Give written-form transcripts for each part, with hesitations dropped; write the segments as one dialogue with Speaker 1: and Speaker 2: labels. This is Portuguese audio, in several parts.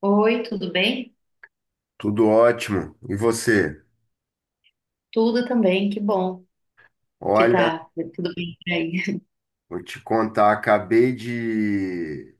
Speaker 1: Oi, tudo bem?
Speaker 2: Tudo ótimo. E você?
Speaker 1: Tudo também, que bom que
Speaker 2: Olha,
Speaker 1: tá tudo bem por aí.
Speaker 2: vou te contar,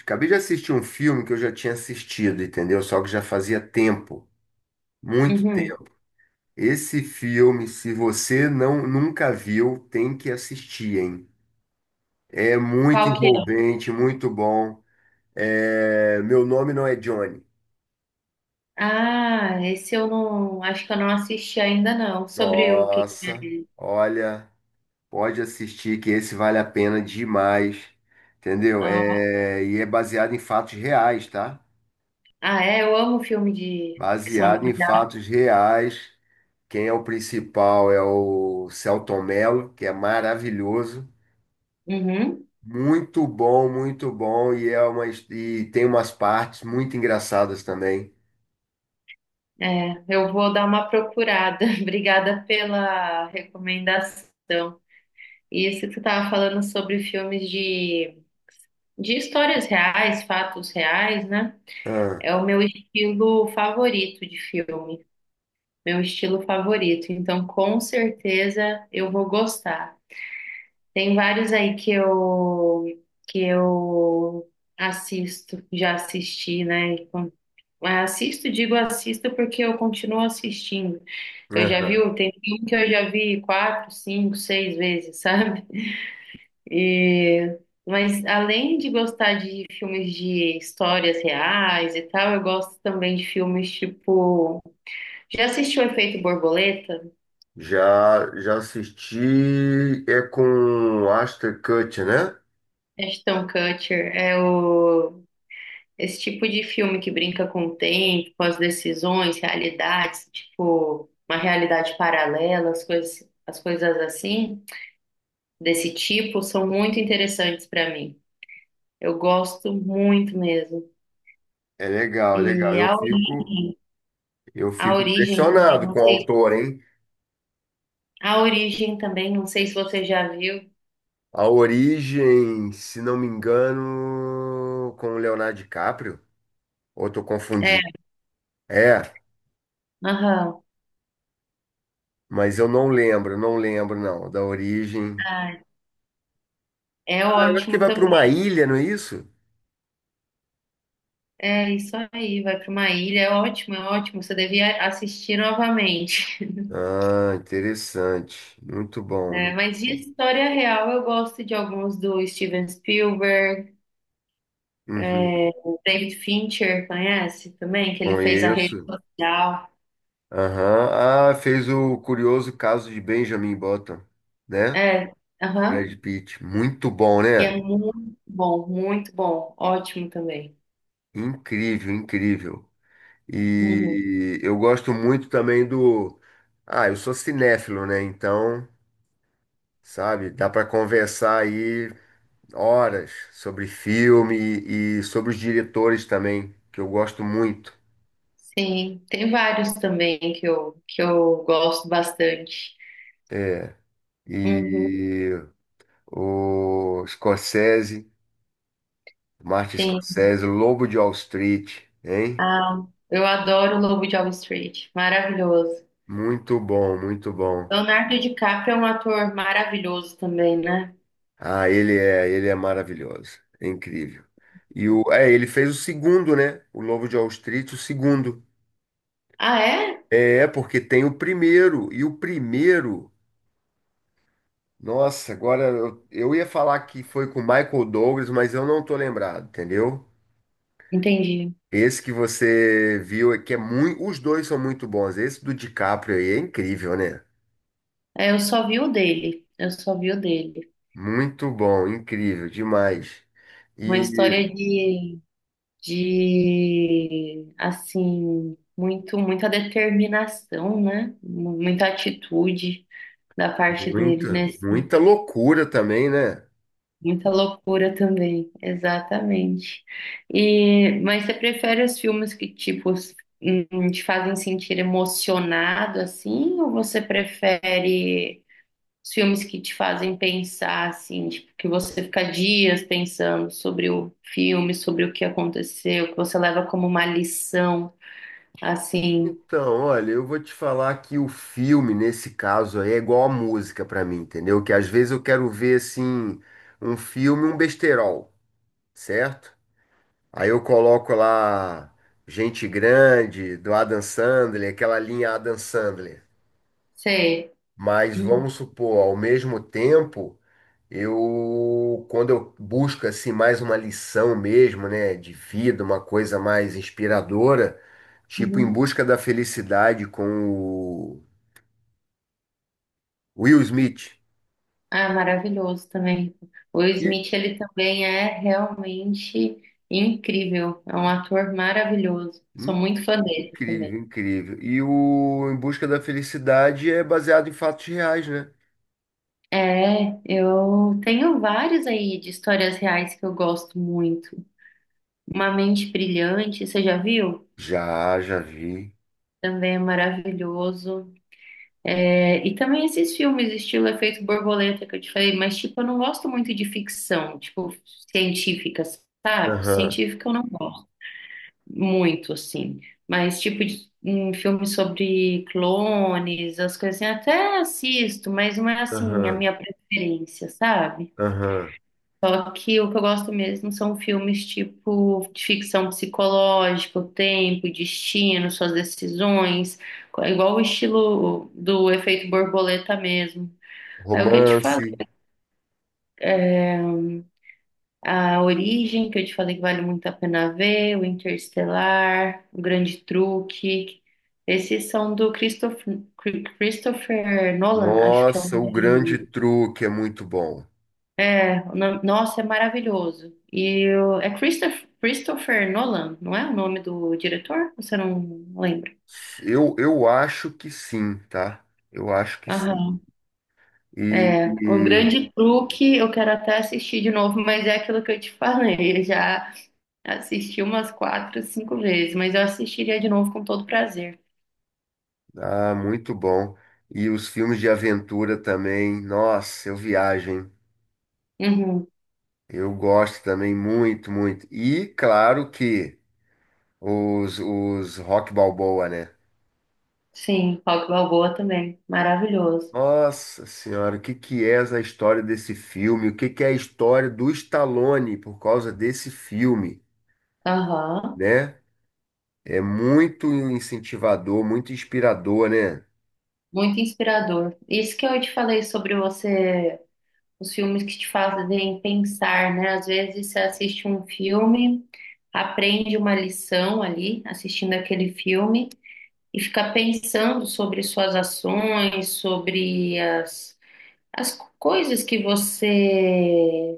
Speaker 2: acabei de assistir um filme que eu já tinha assistido, entendeu? Só que já fazia tempo, muito
Speaker 1: Uhum.
Speaker 2: tempo. Esse filme, se você não nunca viu, tem que assistir, hein? É muito
Speaker 1: Qual que é?
Speaker 2: envolvente, muito bom. Meu nome não é Johnny.
Speaker 1: Ah, esse eu não, acho que eu não assisti ainda não. Sobre o que é?
Speaker 2: Nossa, olha, pode assistir que esse vale a pena demais, entendeu?
Speaker 1: Ó.
Speaker 2: E é baseado em fatos reais, tá?
Speaker 1: Ah, é, eu amo filme de que são
Speaker 2: Baseado em
Speaker 1: baseados.
Speaker 2: fatos reais. Quem é o principal é o Selton Mello, que é maravilhoso.
Speaker 1: Uhum.
Speaker 2: Muito bom, muito bom. E, e tem umas partes muito engraçadas também.
Speaker 1: É, eu vou dar uma procurada. Obrigada pela recomendação. E isso que tu tava falando sobre filmes de histórias reais, fatos reais, né?
Speaker 2: Ah,
Speaker 1: É o meu estilo favorito de filme. Meu estilo favorito. Então, com certeza eu vou gostar. Tem vários aí que eu que eu assisto, já assisti, né? Assisto, digo assisto porque eu continuo assistindo. Eu já vi,
Speaker 2: aham.
Speaker 1: tem filme que eu já vi quatro, cinco, seis vezes, sabe? E, mas além de gostar de filmes de histórias reais e tal, eu gosto também de filmes tipo. Já assistiu Efeito Borboleta?
Speaker 2: Já, já assisti. É com Ashton Kutcher, né?
Speaker 1: Ashton Kutcher é o esse tipo de filme que brinca com o tempo, com as decisões, realidades, tipo uma realidade paralela, as coisas assim, desse tipo, são muito interessantes para mim. Eu gosto muito mesmo.
Speaker 2: É legal, é legal.
Speaker 1: E
Speaker 2: Eu
Speaker 1: a
Speaker 2: fico
Speaker 1: origem também,
Speaker 2: impressionado
Speaker 1: não
Speaker 2: com o
Speaker 1: sei,
Speaker 2: autor, hein?
Speaker 1: a origem também, não sei se você já viu.
Speaker 2: A origem, se não me engano, com o Leonardo DiCaprio. Ou estou
Speaker 1: É,
Speaker 2: confundindo? É,
Speaker 1: aham.
Speaker 2: mas eu não lembro, não lembro não, da origem.
Speaker 1: Ai, é
Speaker 2: Ah, eu acho que
Speaker 1: ótimo
Speaker 2: vai para
Speaker 1: também.
Speaker 2: uma ilha, não é isso?
Speaker 1: É isso aí, vai para uma ilha, é ótimo, é ótimo. Você devia assistir novamente.
Speaker 2: Ah, interessante. Muito bom,
Speaker 1: É,
Speaker 2: muito
Speaker 1: mas de
Speaker 2: bom.
Speaker 1: história real, eu gosto de alguns do Steven Spielberg,
Speaker 2: Uhum.
Speaker 1: o David Fincher, conhece também? Que ele fez a rede
Speaker 2: Conheço.
Speaker 1: social.
Speaker 2: Aham. Ah, fez o curioso caso de Benjamin Button, né?
Speaker 1: É, aham,
Speaker 2: Brad Pitt. Muito bom,
Speaker 1: que é
Speaker 2: né?
Speaker 1: muito bom, ótimo também.
Speaker 2: Incrível, incrível.
Speaker 1: Uhum.
Speaker 2: E eu gosto muito também do. Ah, eu sou cinéfilo, né? Então, sabe, dá para conversar aí horas sobre filme e sobre os diretores também, que eu gosto muito.
Speaker 1: Sim, tem vários também que eu, gosto bastante.
Speaker 2: É,
Speaker 1: Uhum,
Speaker 2: e o Scorsese, Martin
Speaker 1: sim.
Speaker 2: Scorsese, Lobo de Wall Street, hein?
Speaker 1: Ah, eu adoro o Lobo de Wall Street, maravilhoso.
Speaker 2: Muito bom, muito bom.
Speaker 1: Leonardo DiCaprio é um ator maravilhoso também, né?
Speaker 2: Ah, ele é maravilhoso, é incrível. Ele fez o segundo, né? O Lobo de Wall Street, o segundo.
Speaker 1: Ah, é?
Speaker 2: É, porque tem o primeiro, e o primeiro. Nossa, eu ia falar que foi com o Michael Douglas, mas eu não tô lembrado, entendeu?
Speaker 1: Entendi.
Speaker 2: Esse que você viu é que é muito, os dois são muito bons. Esse do DiCaprio aí é incrível, né?
Speaker 1: É, eu só vi o dele. Eu só vi o dele.
Speaker 2: Muito bom, incrível, demais.
Speaker 1: Uma história
Speaker 2: E
Speaker 1: de assim, muito, muita determinação, né? Muita atitude da parte dele,
Speaker 2: muita,
Speaker 1: nesse,
Speaker 2: muita loucura também, né?
Speaker 1: muita loucura também, exatamente. E, mas você prefere os filmes que, tipo, te fazem sentir emocionado, assim, ou você prefere os filmes que te fazem pensar, assim, tipo, que você fica dias pensando sobre o filme, sobre o que aconteceu, que você leva como uma lição, assim,
Speaker 2: Então, olha, eu vou te falar que o filme, nesse caso aí, é igual a música pra mim, entendeu? Que às vezes eu quero ver, assim, um filme, um besterol, certo? Aí eu coloco lá Gente Grande, do Adam Sandler, aquela linha Adam Sandler.
Speaker 1: sei.
Speaker 2: Mas
Speaker 1: Uhum.
Speaker 2: vamos supor, ao mesmo tempo, eu quando eu busco assim mais uma lição mesmo, né, de vida, uma coisa mais inspiradora, tipo Em
Speaker 1: Uhum.
Speaker 2: Busca da Felicidade com o Will Smith.
Speaker 1: Ah, maravilhoso também. O Will
Speaker 2: E-
Speaker 1: Smith, ele também é realmente incrível. É um ator maravilhoso. Sou
Speaker 2: in-
Speaker 1: muito fã dele também.
Speaker 2: Incrível, incrível. E o Em Busca da Felicidade é baseado em fatos reais, né?
Speaker 1: É, eu tenho vários aí de histórias reais que eu gosto muito. Uma Mente Brilhante, você já viu?
Speaker 2: Já, já vi.
Speaker 1: Também é maravilhoso. É, e também esses filmes, estilo Efeito Borboleta, que eu te falei, mas, tipo, eu não gosto muito de ficção, tipo, científica, sabe?
Speaker 2: Aham.
Speaker 1: Científica eu não gosto muito, assim. Mas, tipo, de, um filme sobre clones, as coisas assim, até assisto, mas não é, assim, a
Speaker 2: Aham,
Speaker 1: minha preferência, sabe?
Speaker 2: aham.
Speaker 1: Só que o que eu gosto mesmo são filmes tipo de ficção psicológica, o tempo, o destino, suas decisões, igual o estilo do Efeito Borboleta mesmo. Aí o que eu te
Speaker 2: Romance.
Speaker 1: falei, a Origem, que eu te falei que vale muito a pena ver, o Interestelar, o Grande Truque. Esses são do Christopher, Nolan, acho que é o
Speaker 2: Nossa, o
Speaker 1: nome
Speaker 2: grande
Speaker 1: dele.
Speaker 2: truque é muito bom.
Speaker 1: É, nossa, é maravilhoso. É Christopher, Nolan, não é o nome do diretor? Você não lembra?
Speaker 2: Eu acho que sim, tá? Eu acho que sim.
Speaker 1: Aham.
Speaker 2: E,
Speaker 1: É, o
Speaker 2: e-
Speaker 1: Grande Truque, eu quero até assistir de novo, mas é aquilo que eu te falei. Eu já assisti umas quatro, cinco vezes, mas eu assistiria de novo com todo prazer.
Speaker 2: ah, muito bom. E os filmes de aventura também. Nossa, eu viajo, hein?
Speaker 1: Uhum.
Speaker 2: Eu gosto também muito, muito. E claro que os Rock Balboa, né?
Speaker 1: Sim, Rock Balboa também, maravilhoso.
Speaker 2: Nossa senhora, o que que é essa história desse filme? O que que é a história do Stallone por causa desse filme,
Speaker 1: Aham.
Speaker 2: né? É muito incentivador, muito inspirador, né?
Speaker 1: Muito inspirador. Isso que eu te falei sobre você os filmes que te fazem pensar, né? Às vezes você assiste um filme, aprende uma lição ali, assistindo aquele filme, e fica pensando sobre suas ações, sobre as, as coisas que você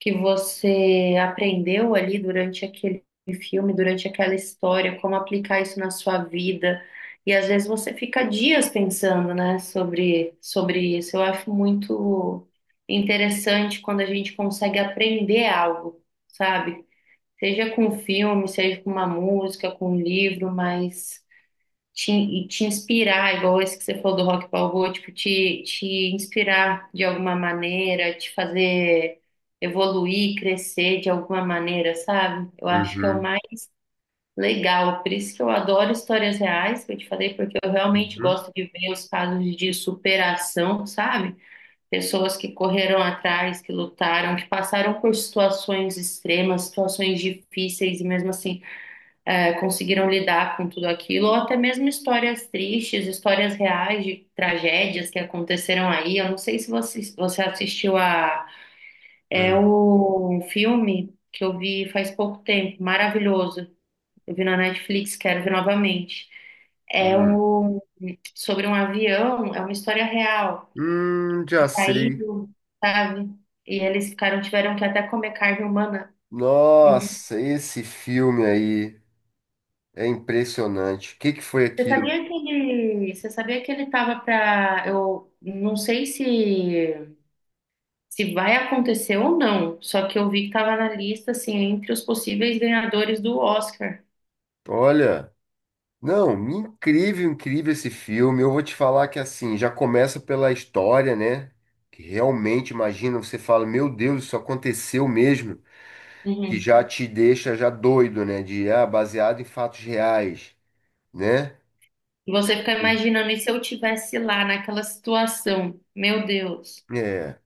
Speaker 1: aprendeu ali durante aquele filme, durante aquela história, como aplicar isso na sua vida. E às vezes você fica dias pensando, né, sobre, isso. Eu acho muito interessante quando a gente consegue aprender algo, sabe? Seja com filme, seja com uma música, com um livro, mas te, e te inspirar, igual esse que você falou do Rock Balboa, tipo, te, inspirar de alguma maneira, te fazer evoluir, crescer de alguma maneira, sabe? Eu acho que é o
Speaker 2: Uhum,
Speaker 1: mais legal, por isso que eu adoro histórias reais, que eu te falei, porque eu realmente
Speaker 2: uhum,
Speaker 1: gosto de ver os casos de superação, sabe? Pessoas que correram atrás, que lutaram, que passaram por situações extremas, situações difíceis e mesmo assim é, conseguiram lidar com tudo aquilo, ou até mesmo histórias tristes, histórias reais de tragédias que aconteceram aí. Eu não sei se você, assistiu a é
Speaker 2: hum,
Speaker 1: o filme que eu vi faz pouco tempo, maravilhoso. Eu vi na Netflix, quero ver novamente. É
Speaker 2: hum.
Speaker 1: um sobre um avião, é uma história real. E
Speaker 2: Já sei.
Speaker 1: caiu, sabe? E eles ficaram, tiveram que até comer carne humana. Uhum.
Speaker 2: Nossa, esse filme aí é impressionante. O que que foi
Speaker 1: Você
Speaker 2: aquilo?
Speaker 1: sabia que ele, você sabia que ele tava pra. Eu não sei se vai acontecer ou não, só que eu vi que tava na lista assim entre os possíveis ganhadores do Oscar.
Speaker 2: Olha. Não, incrível, incrível esse filme. Eu vou te falar que assim, já começa pela história, né? Que realmente, imagina, você fala, meu Deus, isso aconteceu mesmo, que
Speaker 1: Uhum.
Speaker 2: já te deixa já doido, né? De, ah, baseado em fatos reais, né?
Speaker 1: E você fica imaginando, e se eu tivesse lá naquela situação? Meu Deus,
Speaker 2: É,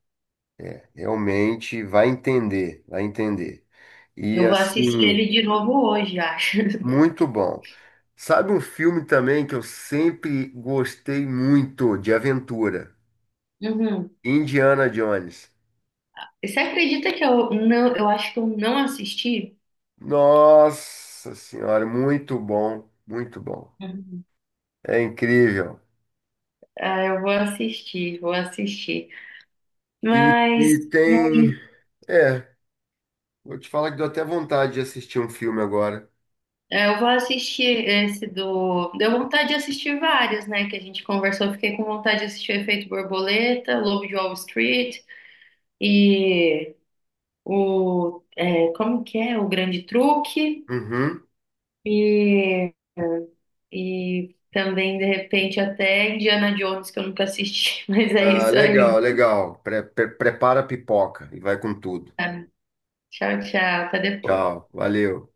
Speaker 2: realmente vai entender, vai entender. E
Speaker 1: eu vou assistir
Speaker 2: assim,
Speaker 1: ele de novo hoje, acho.
Speaker 2: muito bom. Sabe um filme também que eu sempre gostei muito de aventura?
Speaker 1: Uhum.
Speaker 2: Indiana Jones.
Speaker 1: E você acredita que eu não, eu acho que eu não assisti?
Speaker 2: Nossa Senhora, muito bom, muito bom.
Speaker 1: Uhum.
Speaker 2: É incrível.
Speaker 1: Ah, eu vou assistir, vou assistir.
Speaker 2: E,
Speaker 1: Mas
Speaker 2: e tem. É, vou te falar que deu até vontade de assistir um filme agora.
Speaker 1: é, eu vou assistir esse do. Deu vontade de assistir vários, né? Que a gente conversou. Fiquei com vontade de assistir o Efeito Borboleta, Lobo de Wall Street e o. É, como que é? O Grande Truque.
Speaker 2: Uhum.
Speaker 1: E, também, de repente, até Indiana Jones, que eu nunca assisti. Mas é
Speaker 2: Ah,
Speaker 1: isso aí.
Speaker 2: legal, legal. Prepara a pipoca e vai com tudo.
Speaker 1: Tchau, tchau. Até depois.
Speaker 2: Tchau, valeu.